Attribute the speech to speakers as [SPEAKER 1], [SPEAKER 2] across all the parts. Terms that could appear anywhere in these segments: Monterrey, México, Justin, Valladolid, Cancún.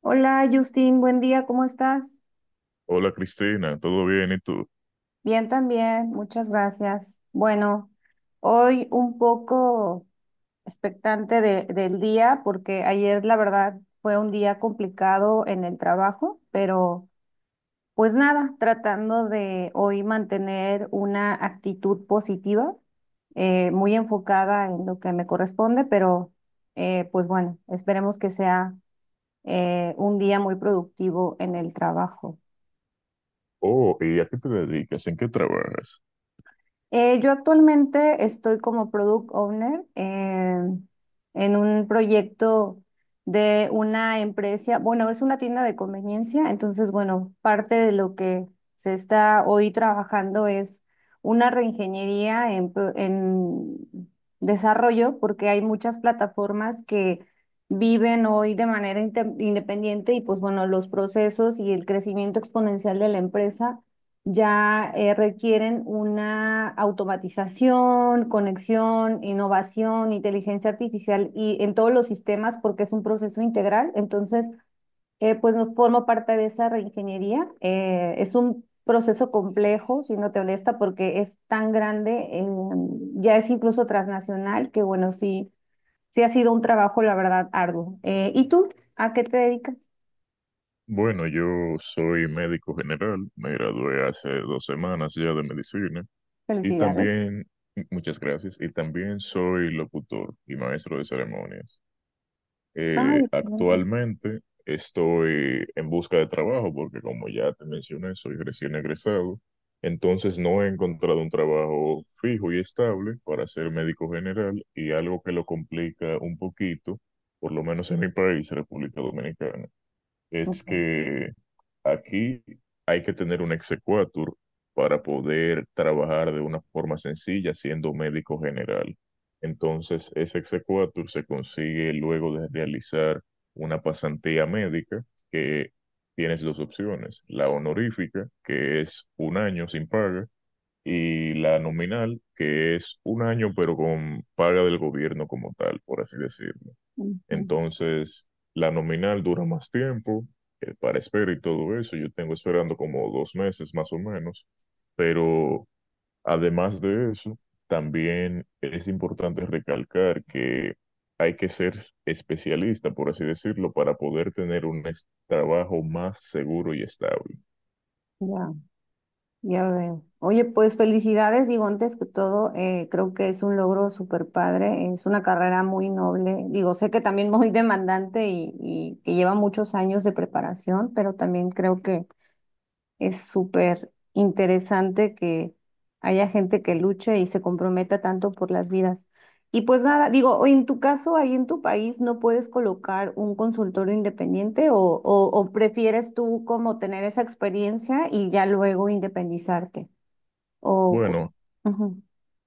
[SPEAKER 1] Hola Justin, buen día, ¿cómo estás?
[SPEAKER 2] Hola Cristina, ¿todo bien? ¿Y tú?
[SPEAKER 1] Bien también, muchas gracias. Bueno, hoy un poco expectante del día porque ayer la verdad fue un día complicado en el trabajo, pero pues nada, tratando de hoy mantener una actitud positiva, muy enfocada en lo que me corresponde, pero pues bueno, esperemos que sea un día muy productivo en el trabajo.
[SPEAKER 2] Oh, ¿y a qué te dedicas? ¿En qué trabajas?
[SPEAKER 1] Yo actualmente estoy como product owner en un proyecto de una empresa, bueno, es una tienda de conveniencia, entonces, bueno, parte de lo que se está hoy trabajando es una reingeniería en desarrollo, porque hay muchas plataformas que viven hoy de manera independiente y pues bueno, los procesos y el crecimiento exponencial de la empresa ya requieren una automatización, conexión, innovación, inteligencia artificial y en todos los sistemas porque es un proceso integral. Entonces, pues nos formo parte de esa reingeniería. Es un proceso complejo, si no te molesta, porque es tan grande, ya es incluso transnacional, que bueno, sí, sí ha sido un trabajo, la verdad, arduo. ¿Y tú? ¿A qué te dedicas?
[SPEAKER 2] Bueno, yo soy médico general, me gradué hace 2 semanas ya de medicina y
[SPEAKER 1] Felicidades.
[SPEAKER 2] también, muchas gracias, y también soy locutor y maestro de ceremonias.
[SPEAKER 1] Ay, excelente.
[SPEAKER 2] Actualmente estoy en busca de trabajo porque como ya te mencioné, soy recién egresado, entonces no he encontrado un trabajo fijo y estable para ser médico general y algo que lo complica un poquito, por lo menos en mi país, República Dominicana, es
[SPEAKER 1] Ujú,
[SPEAKER 2] que aquí hay que tener un exequatur para poder trabajar de una forma sencilla siendo médico general. Entonces, ese exequatur se consigue luego de realizar una pasantía médica que tienes dos opciones: la honorífica, que es un año sin paga, y la nominal, que es un año pero con paga del gobierno como tal, por así decirlo.
[SPEAKER 1] ujú.
[SPEAKER 2] Entonces, la nominal dura más tiempo para espera y todo eso. Yo tengo esperando como 2 meses más o menos. Pero además de eso, también es importante recalcar que hay que ser especialista, por así decirlo, para poder tener un trabajo más seguro y estable.
[SPEAKER 1] Ya. Ya veo. Oye, pues felicidades, digo, antes que todo, creo que es un logro súper padre, es una carrera muy noble, digo, sé que también muy demandante y que lleva muchos años de preparación, pero también creo que es súper interesante que haya gente que luche y se comprometa tanto por las vidas. Y pues nada, digo, o en tu caso, ahí en tu país, ¿no puedes colocar un consultorio independiente o prefieres tú como tener esa experiencia y ya luego independizarte? O, co-
[SPEAKER 2] Bueno,
[SPEAKER 1] Ujú.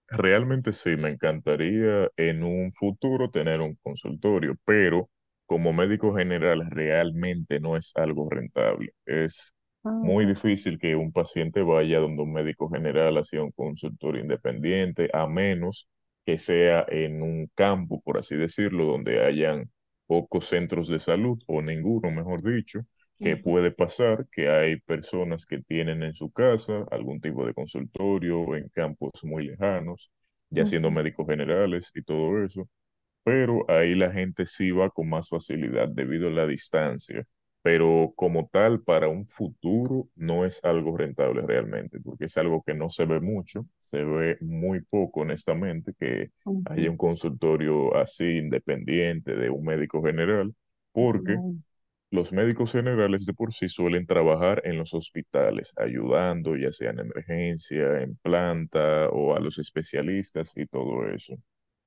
[SPEAKER 2] realmente sí, me encantaría en un futuro tener un consultorio, pero como médico general realmente no es algo rentable. Es
[SPEAKER 1] Ah,
[SPEAKER 2] muy
[SPEAKER 1] ok.
[SPEAKER 2] difícil que un paciente vaya donde un médico general hacia un consultorio independiente, a menos que sea en un campo, por así decirlo, donde hayan pocos centros de salud o ninguno, mejor dicho, que
[SPEAKER 1] Ujú,
[SPEAKER 2] puede pasar que hay personas que tienen en su casa algún tipo de consultorio en campos muy lejanos, ya siendo
[SPEAKER 1] ujú,
[SPEAKER 2] médicos generales y todo eso, pero ahí la gente sí va con más facilidad debido a la distancia. Pero como tal, para un futuro no es algo rentable realmente, porque es algo que no se ve mucho, se ve muy poco honestamente que haya
[SPEAKER 1] ujú,
[SPEAKER 2] un consultorio así independiente de un médico general, porque los médicos generales de por sí suelen trabajar en los hospitales, ayudando ya sea en emergencia, en planta o a los especialistas y todo eso.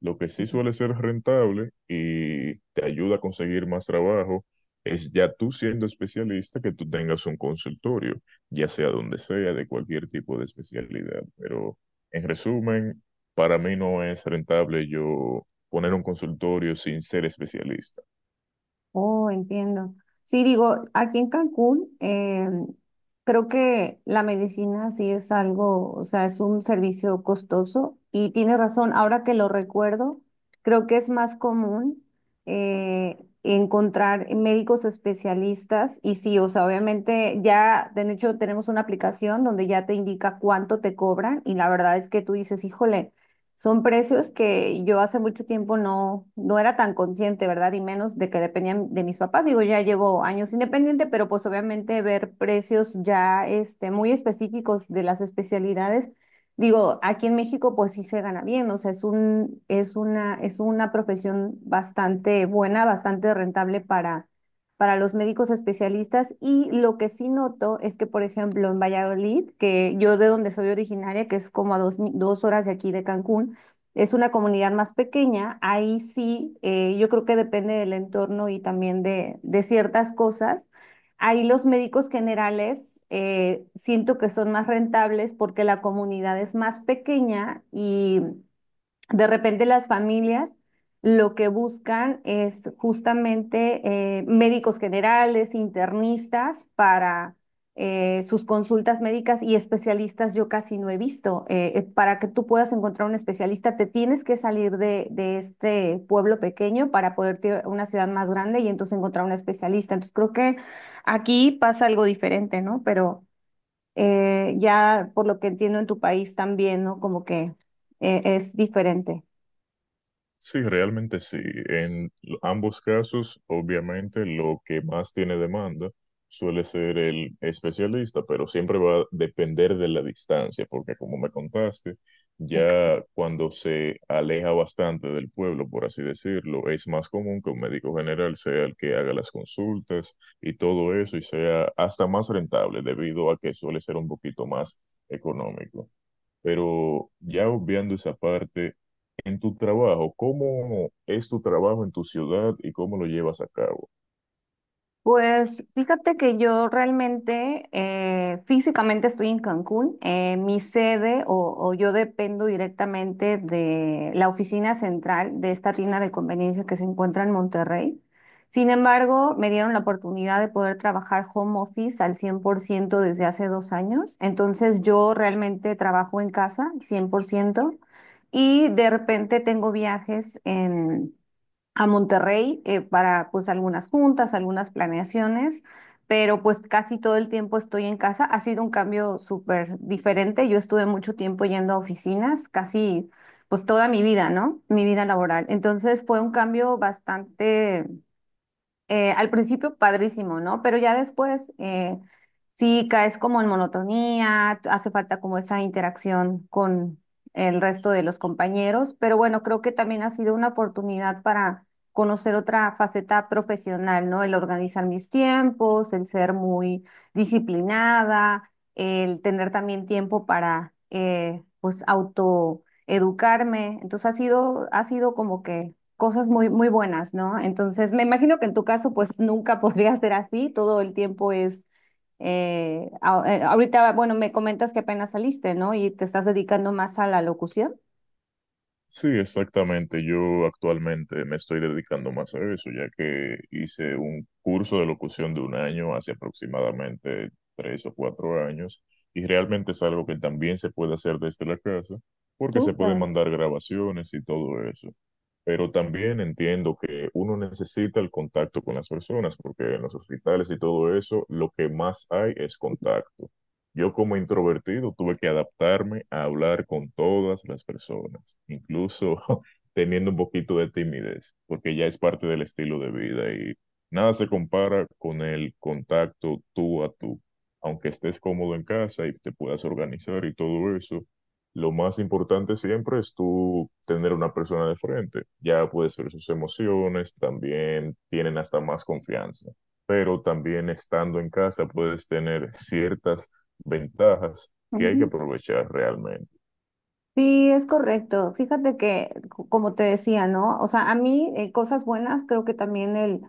[SPEAKER 2] Lo que sí
[SPEAKER 1] ujú.
[SPEAKER 2] suele ser rentable y te ayuda a conseguir más trabajo es ya tú siendo especialista que tú tengas un consultorio, ya sea donde sea, de cualquier tipo de especialidad. Pero en resumen, para mí no es rentable yo poner un consultorio sin ser especialista.
[SPEAKER 1] Oh, entiendo. Sí, digo, aquí en Cancún, creo que la medicina sí es algo, o sea, es un servicio costoso y tienes razón, ahora que lo recuerdo, creo que es más común encontrar médicos especialistas y sí, o sea, obviamente ya, de hecho, tenemos una aplicación donde ya te indica cuánto te cobran y la verdad es que tú dices, híjole. Son precios que yo hace mucho tiempo no era tan consciente, ¿verdad? Y menos de que dependían de mis papás. Digo, ya llevo años independiente, pero pues obviamente ver precios ya este, muy específicos de las especialidades. Digo, aquí en México pues sí se gana bien, o sea, es una profesión bastante buena, bastante rentable para los médicos especialistas y lo que sí noto es que, por ejemplo, en Valladolid, que yo de donde soy originaria, que es como a dos horas de aquí de Cancún, es una comunidad más pequeña, ahí sí, yo creo que depende del entorno y también de ciertas cosas. Ahí los médicos generales siento que son más rentables porque la comunidad es más pequeña y de repente las familias lo que buscan es justamente médicos generales, internistas para sus consultas médicas y especialistas yo casi no he visto. Para que tú puedas encontrar un especialista, te tienes que salir de este pueblo pequeño para poder ir a una ciudad más grande y entonces encontrar un especialista. Entonces creo que aquí pasa algo diferente, ¿no? Pero ya por lo que entiendo en tu país también, ¿no? Como que es diferente.
[SPEAKER 2] Sí, realmente sí. En ambos casos, obviamente, lo que más tiene demanda suele ser el especialista, pero siempre va a depender de la distancia, porque como me contaste, ya cuando se aleja bastante del pueblo, por así decirlo, es más común que un médico general sea el que haga las consultas y todo eso, y sea hasta más rentable debido a que suele ser un poquito más económico. Pero ya obviando esa parte, en tu trabajo, ¿cómo es tu trabajo en tu ciudad y cómo lo llevas a cabo?
[SPEAKER 1] Pues fíjate que yo realmente físicamente estoy en Cancún. Mi sede o yo dependo directamente de la oficina central de esta tienda de conveniencia que se encuentra en Monterrey. Sin embargo, me dieron la oportunidad de poder trabajar home office al 100% desde hace dos años. Entonces yo realmente trabajo en casa 100% y de repente tengo viajes a Monterrey para pues algunas juntas, algunas planeaciones, pero pues casi todo el tiempo estoy en casa. Ha sido un cambio súper diferente. Yo estuve mucho tiempo yendo a oficinas, casi pues toda mi vida, ¿no? Mi vida laboral. Entonces fue un cambio bastante al principio padrísimo, ¿no? Pero ya después sí caes como en monotonía, hace falta como esa interacción con el resto de los compañeros, pero bueno, creo que también ha sido una oportunidad para conocer otra faceta profesional, ¿no? El organizar mis tiempos, el ser muy disciplinada, el tener también tiempo para pues, autoeducarme. Entonces ha sido como que cosas muy, muy buenas, ¿no? Entonces, me imagino que en tu caso, pues nunca podría ser así, todo el tiempo es, ahorita, bueno, me comentas que apenas saliste, ¿no? Y te estás dedicando más a la locución.
[SPEAKER 2] Sí, exactamente. Yo actualmente me estoy dedicando más a eso, ya que hice un curso de locución de un año hace aproximadamente 3 o 4 años, y realmente es algo que también se puede hacer desde la casa, porque se pueden
[SPEAKER 1] Súper.
[SPEAKER 2] mandar grabaciones y todo eso. Pero también entiendo que uno necesita el contacto con las personas, porque en los hospitales y todo eso, lo que más hay es contacto. Yo como introvertido tuve que adaptarme a hablar con todas las personas, incluso teniendo un poquito de timidez, porque ya es parte del estilo de vida y nada se compara con el contacto tú a tú. Aunque estés cómodo en casa y te puedas organizar y todo eso, lo más importante siempre es tú tener una persona de frente. Ya puedes ver sus emociones, también tienen hasta más confianza. Pero también estando en casa puedes tener ciertas ventajas que hay que
[SPEAKER 1] Ujú.
[SPEAKER 2] aprovechar realmente.
[SPEAKER 1] Sí, es correcto. Fíjate que, como te decía, ¿no? O sea, a mí, cosas buenas, creo que también el...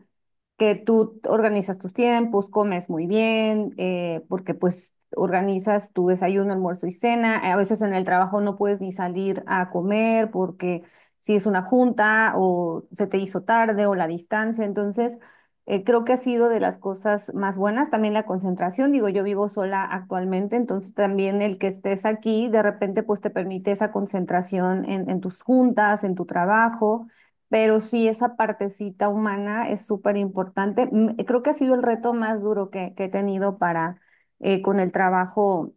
[SPEAKER 1] que tú organizas tus tiempos, comes muy bien, porque pues organizas tu desayuno, almuerzo y cena. A veces en el trabajo no puedes ni salir a comer porque si es una junta o se te hizo tarde o la distancia. Entonces, creo que ha sido de las cosas más buenas. También la concentración, digo, yo vivo sola actualmente, entonces también el que estés aquí, de repente, pues te permite esa concentración en tus juntas, en tu trabajo, pero sí esa partecita humana es súper importante. Mm, creo que ha sido el reto más duro que he tenido para con el trabajo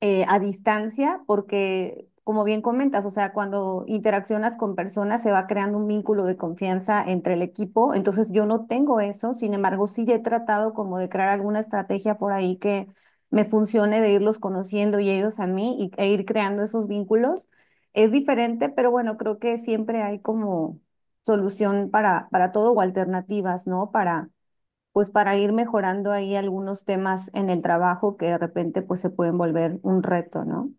[SPEAKER 1] a distancia, porque como bien comentas, o sea, cuando interaccionas con personas se va creando un vínculo de confianza entre el equipo, entonces yo no tengo eso, sin embargo, sí he tratado como de crear alguna estrategia por ahí que me funcione de irlos conociendo y ellos a mí y, e ir creando esos vínculos. Es diferente, pero bueno, creo que siempre hay como solución para todo o alternativas, ¿no? Para pues para ir mejorando ahí algunos temas en el trabajo que de repente pues se pueden volver un reto, ¿no?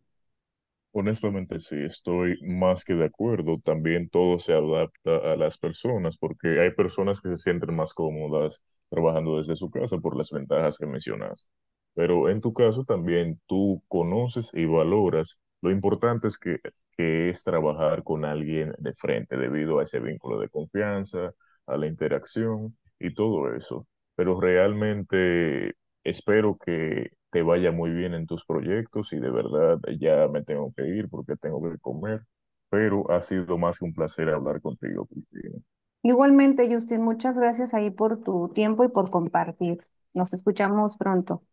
[SPEAKER 2] Honestamente, sí, estoy más que de acuerdo. También todo se adapta a las personas, porque hay personas que se sienten más cómodas trabajando desde su casa por las ventajas que mencionas. Pero en tu caso también tú conoces y valoras lo importante es que es trabajar con alguien de frente debido a ese vínculo de confianza, a la interacción y todo eso. Pero realmente espero que te vaya muy bien en tus proyectos y de verdad ya me tengo que ir porque tengo que comer, pero ha sido más que un placer hablar contigo, Cristina.
[SPEAKER 1] Igualmente, Justin, muchas gracias ahí por tu tiempo y por compartir. Nos escuchamos pronto.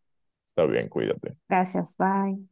[SPEAKER 2] Está bien, cuídate.
[SPEAKER 1] Gracias, bye.